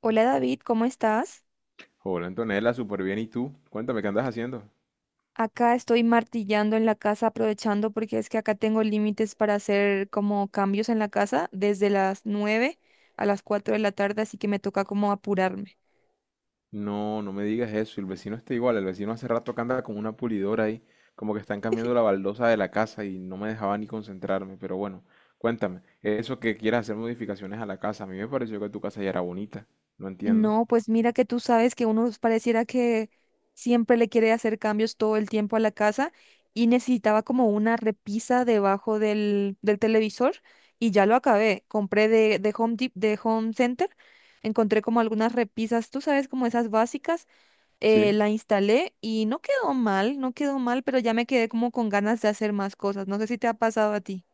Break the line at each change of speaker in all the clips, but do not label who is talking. Hola David, ¿cómo estás?
Hola Antonella, súper bien. ¿Y tú? Cuéntame, ¿qué andas haciendo?
Acá estoy martillando en la casa aprovechando porque es que acá tengo límites para hacer como cambios en la casa desde las 9 a las 4 de la tarde, así que me toca como apurarme.
No, no me digas eso. El vecino está igual. El vecino hace rato que anda con una pulidora ahí, como que están cambiando la baldosa de la casa y no me dejaba ni concentrarme. Pero bueno, cuéntame, eso que quieras hacer modificaciones a la casa, a mí me pareció que tu casa ya era bonita. No entiendo.
No, pues mira que tú sabes que uno pareciera que siempre le quiere hacer cambios todo el tiempo a la casa y necesitaba como una repisa debajo del televisor y ya lo acabé. Compré de de Home Center, encontré como algunas repisas, tú sabes, como esas básicas,
¿Sí?
la instalé y no quedó mal, no quedó mal, pero ya me quedé como con ganas de hacer más cosas. ¿No sé si te ha pasado a ti?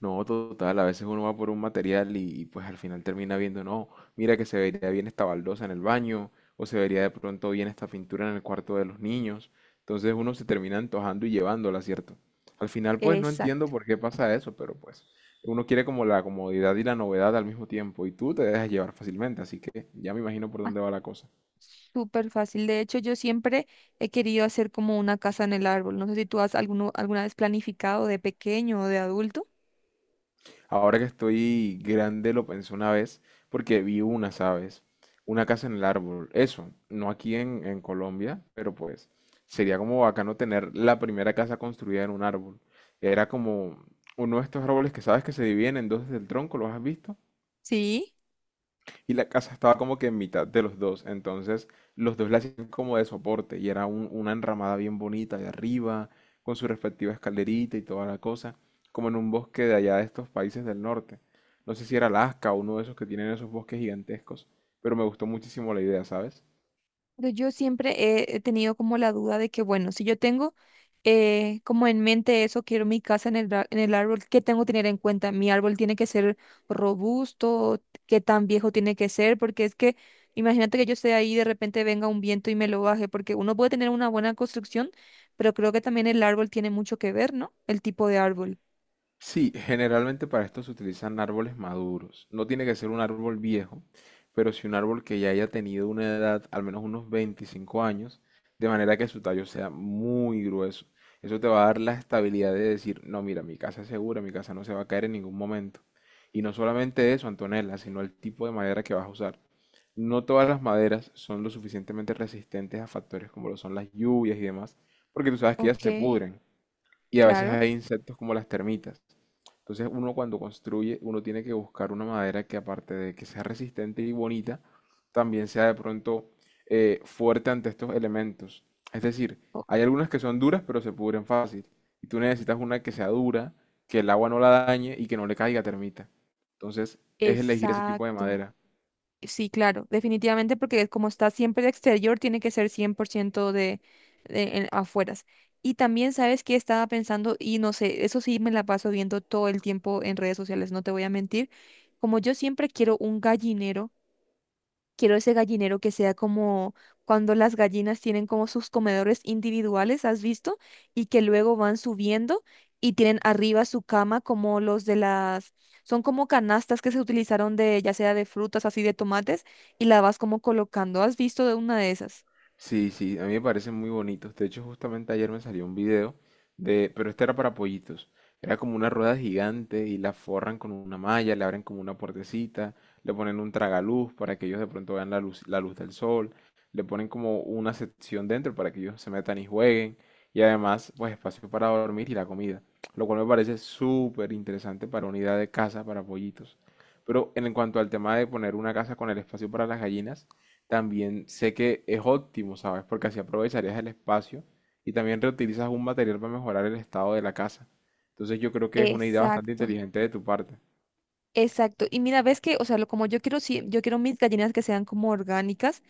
No, total, a veces uno va por un material pues al final termina viendo, no, mira que se vería bien esta baldosa en el baño, o se vería de pronto bien esta pintura en el cuarto de los niños. Entonces uno se termina antojando y llevándola, ¿cierto? Al final pues no entiendo
Exacto.
por qué pasa eso, pero pues uno quiere como la comodidad y la novedad al mismo tiempo y tú te dejas llevar fácilmente, así que ya me imagino por
Ah,
dónde va la cosa.
Súper fácil. De hecho, yo siempre he querido hacer como una casa en el árbol. No sé si tú has alguna vez planificado de pequeño o de adulto.
Ahora que estoy grande lo pensé una vez porque vi una, ¿sabes? Una casa en el árbol. Eso, no aquí en Colombia, pero pues sería como bacano tener la primera casa construida en un árbol. Era como uno de estos árboles que sabes que se dividen en dos desde el tronco, ¿los has visto?
Sí.
Y la casa estaba como que en mitad de los dos, entonces los dos la hacían como de soporte y era una enramada bien bonita de arriba, con su respectiva escalerita y toda la cosa, como en un bosque de allá de estos países del norte. No sé si era Alaska o uno de esos que tienen esos bosques gigantescos, pero me gustó muchísimo la idea, ¿sabes?
Pero yo siempre he tenido como la duda de que, bueno, si yo tengo, como en mente eso, quiero mi casa en el, en el árbol, ¿qué tengo que tener en cuenta? Mi árbol tiene que ser robusto, ¿qué tan viejo tiene que ser? Porque es que imagínate que yo esté ahí y de repente venga un viento y me lo baje. Porque uno puede tener una buena construcción, pero creo que también el árbol tiene mucho que ver, ¿no? El tipo de árbol.
Sí, generalmente para esto se utilizan árboles maduros. No tiene que ser un árbol viejo, pero sí un árbol que ya haya tenido una edad, al menos unos 25 años, de manera que su tallo sea muy grueso. Eso te va a dar la estabilidad de decir, no, mira, mi casa es segura, mi casa no se va a caer en ningún momento. Y no solamente eso, Antonella, sino el tipo de madera que vas a usar. No todas las maderas son lo suficientemente resistentes a factores como lo son las lluvias y demás, porque tú sabes que ellas
Ok,
se pudren. Y a veces
claro.
hay insectos como las termitas. Entonces uno cuando construye, uno tiene que buscar una madera que aparte de que sea resistente y bonita, también sea de pronto fuerte ante estos elementos. Es decir,
o-
hay algunas que son duras pero se pudren fácil. Y tú necesitas una que sea dura, que el agua no la dañe y que no le caiga termita. Entonces es elegir ese tipo de
Exacto.
madera.
Sí, claro, definitivamente, porque como está siempre de exterior, tiene que ser 100% afueras. Y también, ¿sabes qué estaba pensando? Y no sé, eso sí me la paso viendo todo el tiempo en redes sociales, no te voy a mentir. Como yo siempre quiero un gallinero. Quiero ese gallinero que sea como cuando las gallinas tienen como sus comedores individuales, ¿has visto? Y que luego van subiendo y tienen arriba su cama como los de las... Son como canastas que se utilizaron de, ya sea de frutas, así de tomates, y la vas como colocando. ¿Has visto de una de esas?
Sí, sí, a mí me parecen muy bonitos. De hecho, justamente ayer me salió un video de, pero este era para pollitos. Era como una rueda gigante y la forran con una malla, le abren como una puertecita, le ponen un tragaluz para que ellos de pronto vean la luz del sol, le ponen como una sección dentro para que ellos se metan y jueguen y además, pues espacio para dormir y la comida, lo cual me parece súper interesante para unidad de casa para pollitos. Pero en cuanto al tema de poner una casa con el espacio para las gallinas, también sé que es óptimo, ¿sabes? Porque así aprovecharías el espacio y también reutilizas un material para mejorar el estado de la casa. Entonces yo creo que es una idea bastante
Exacto.
inteligente de tu parte.
Exacto. Y mira, ves que, o sea, lo, como yo quiero, sí, yo quiero mis gallinas que sean como orgánicas.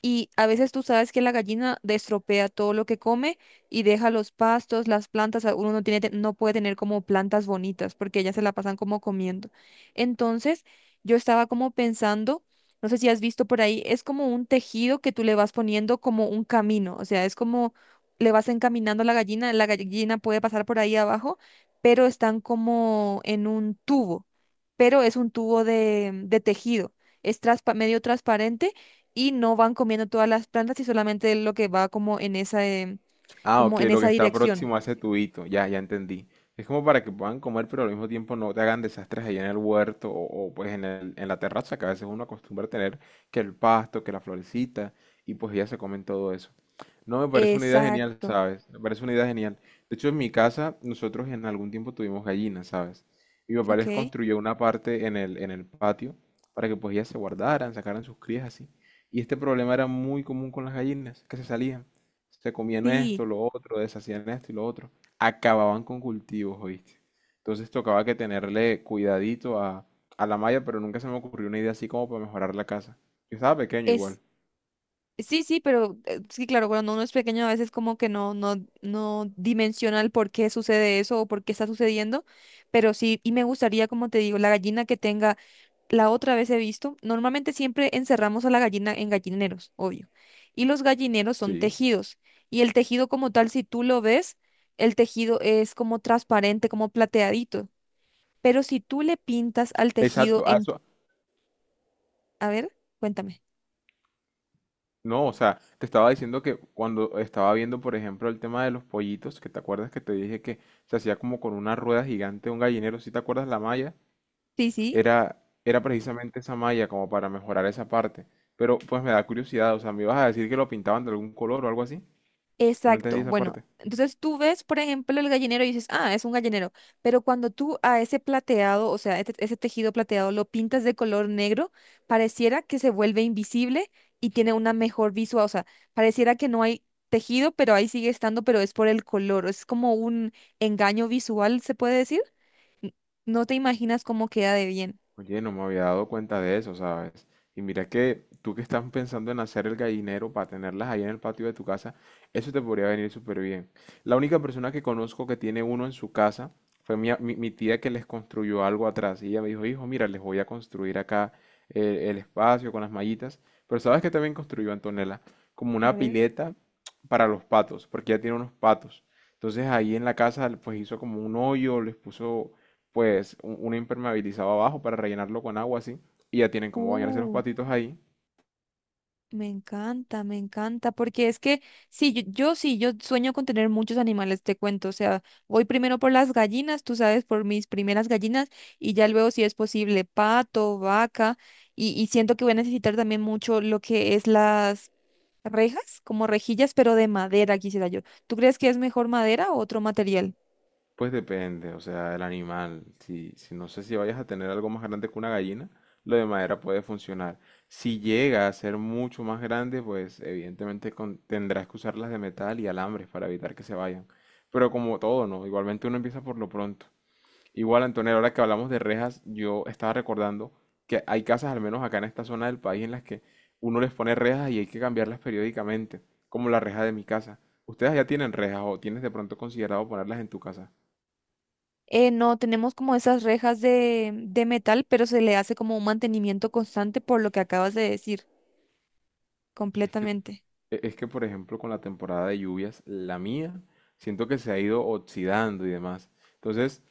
Y a veces tú sabes que la gallina destropea todo lo que come y deja los pastos, las plantas, uno no tiene, no puede tener como plantas bonitas porque ellas se la pasan como comiendo. Entonces, yo estaba como pensando, no sé si has visto por ahí, es como un tejido que tú le vas poniendo como un camino, o sea, es como le vas encaminando a la gallina puede pasar por ahí abajo, pero están como en un tubo, pero es un tubo de tejido, es medio transparente y no van comiendo todas las plantas y solamente lo que va como en esa,
Ah, ok,
como en
lo que
esa
está
dirección.
próximo a ese tubito, ya, ya entendí. Es como para que puedan comer, pero al mismo tiempo no te hagan desastres ahí en el huerto pues en en la terraza, que a veces uno acostumbra a tener que el pasto, que la florecita, y pues ya se comen todo eso. No, me parece una idea genial,
Exacto.
¿sabes? Me parece una idea genial. De hecho, en mi casa, nosotros en algún tiempo tuvimos gallinas, ¿sabes? Mi papá les
Ok.
construyó una parte en el patio para que pues ellas se guardaran, sacaran sus crías así. Y este problema era muy común con las gallinas, que se salían. Se comían
Sí.
esto, lo otro, deshacían esto y lo otro. Acababan con cultivos, ¿oíste? Entonces tocaba que tenerle cuidadito a la malla, pero nunca se me ocurrió una idea así como para mejorar la casa. Yo estaba pequeño igual.
es Sí, sí, pero sí, claro, cuando uno es pequeño a veces como que no dimensiona el por qué sucede eso o por qué está sucediendo, pero sí, y me gustaría, como te digo, la gallina que tenga, la otra vez he visto, normalmente siempre encerramos a la gallina en gallineros, obvio, y los gallineros son
Sí,
tejidos, y el tejido como tal, si tú lo ves, el tejido es como transparente, como plateadito, pero si tú le pintas al tejido
exacto.
en, a ver, cuéntame.
No, o sea, te estaba diciendo que cuando estaba viendo, por ejemplo, el tema de los pollitos, que te acuerdas que te dije que se hacía como con una rueda gigante, un gallinero, ¿si te acuerdas la malla?
Sí, sí.
Era, era precisamente esa malla como para mejorar esa parte. Pero pues me da curiosidad, o sea, ¿me ibas a decir que lo pintaban de algún color o algo así? No entendí
Exacto.
esa
Bueno,
parte.
entonces tú ves, por ejemplo, el gallinero y dices, ah, es un gallinero. Pero cuando tú a ese plateado, o sea, ese tejido plateado lo pintas de color negro, pareciera que se vuelve invisible y tiene una mejor visual. O sea, pareciera que no hay tejido, pero ahí sigue estando, pero es por el color. Es como un engaño visual, se puede decir. No te imaginas cómo queda de bien.
Oye, no me había dado cuenta de eso, ¿sabes? Y mira que tú que estás pensando en hacer el gallinero para tenerlas ahí en el patio de tu casa, eso te podría venir súper bien. La única persona que conozco que tiene uno en su casa fue mi tía que les construyó algo atrás. Y ella me dijo, hijo, mira, les voy a construir acá el espacio con las mallitas. Pero ¿sabes que también construyó Antonella? Como
A
una
ver.
pileta para los patos, porque ella tiene unos patos. Entonces ahí en la casa pues hizo como un hoyo, les puso pues un impermeabilizado abajo para rellenarlo con agua así, y ya tienen como bañarse los
Uh.
patitos ahí,
Me encanta, porque es que sí, yo sí, yo sueño con tener muchos animales, te cuento, o sea, voy primero por las gallinas, tú sabes, por mis primeras gallinas, y ya luego si es posible, pato, vaca, y siento que voy a necesitar también mucho lo que es las rejas, como rejillas, pero de madera, quisiera yo. ¿Tú crees que es mejor madera o otro material?
pues depende, o sea, del animal, si no sé si vayas a tener algo más grande que una gallina, lo de madera puede funcionar. Si llega a ser mucho más grande, pues evidentemente tendrás que usar las de metal y alambres para evitar que se vayan. Pero como todo, ¿no? Igualmente uno empieza por lo pronto. Igual, Antonella, ahora que hablamos de rejas, yo estaba recordando que hay casas, al menos acá en esta zona del país, en las que uno les pone rejas y hay que cambiarlas periódicamente, como la reja de mi casa. ¿Ustedes ya tienen rejas o tienes de pronto considerado ponerlas en tu casa?
No, tenemos como esas rejas de metal, pero se le hace como un mantenimiento constante por lo que acabas de decir,
Es que
completamente.
Es que, por ejemplo, con la temporada de lluvias, la mía, siento que se ha ido oxidando y demás. Entonces,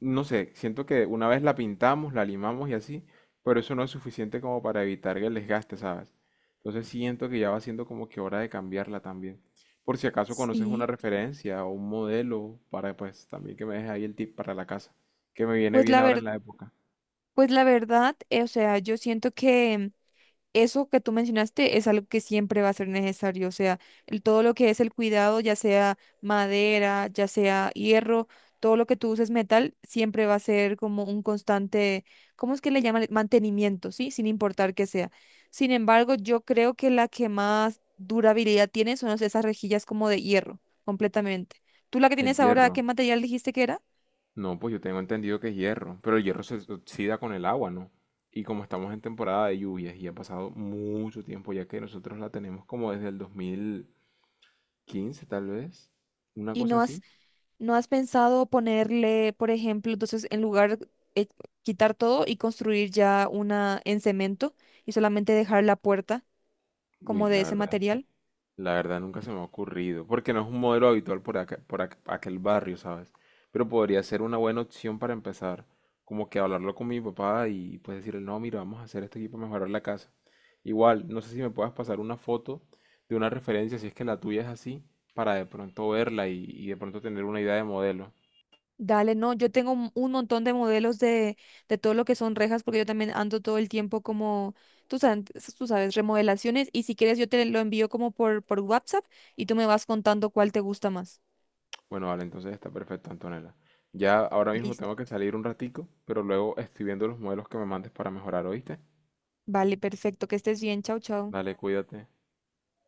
no sé, siento que una vez la pintamos, la limamos y así, pero eso no es suficiente como para evitar que el desgaste, ¿sabes? Entonces siento que ya va siendo como que hora de cambiarla también. Por si acaso conoces una
Sí.
referencia o un modelo para, pues, también que me dejes ahí el tip para la casa, que me viene
Pues
bien
la
ahora en
ver,
la época.
pues la verdad, o sea, yo siento que eso que tú mencionaste es algo que siempre va a ser necesario, o sea, el- todo lo que es el cuidado, ya sea madera, ya sea hierro, todo lo que tú uses metal, siempre va a ser como un constante, ¿cómo es que le llaman? Mantenimiento, ¿sí? Sin importar que sea. Sin embargo, yo creo que la que más durabilidad tiene son esas rejillas como de hierro, completamente. ¿Tú la que
El
tienes ahora, qué
hierro.
material dijiste que era?
No, pues yo tengo entendido que es hierro, pero el hierro se oxida con el agua, ¿no? Y como estamos en temporada de lluvias y ha pasado mucho tiempo, ya que nosotros la tenemos como desde el 2015 tal vez, una
Y
cosa
no has,
así.
no has pensado ponerle, por ejemplo, entonces en lugar, eh, quitar todo y construir ya una en cemento y solamente dejar la puerta
Uy,
como de
la
ese
verdad.
material.
La verdad nunca se me ha ocurrido, porque no es un modelo habitual por acá- por ac- aquel barrio, ¿sabes? Pero podría ser una buena opción para empezar, como que hablarlo con mi papá y pues decirle, no, mira, vamos a hacer esto aquí para mejorar la casa. Igual, no sé si me puedas pasar una foto de una referencia, si es que la tuya es así, para de pronto verla y de pronto tener una idea de modelo.
Dale, no, yo tengo un montón de modelos de todo lo que son rejas, porque yo también ando todo el tiempo como, tú sabes, tú sabes, remodelaciones, y si quieres yo te lo envío como por WhatsApp y tú me vas contando cuál te gusta más.
Bueno, vale, entonces está perfecto, Antonella. Ya ahora mismo
Listo.
tengo que salir un ratico, pero luego estoy viendo los modelos que me mandes para mejorar, ¿oíste?
Vale, perfecto, que estés bien, chao, chao.
Dale, cuídate.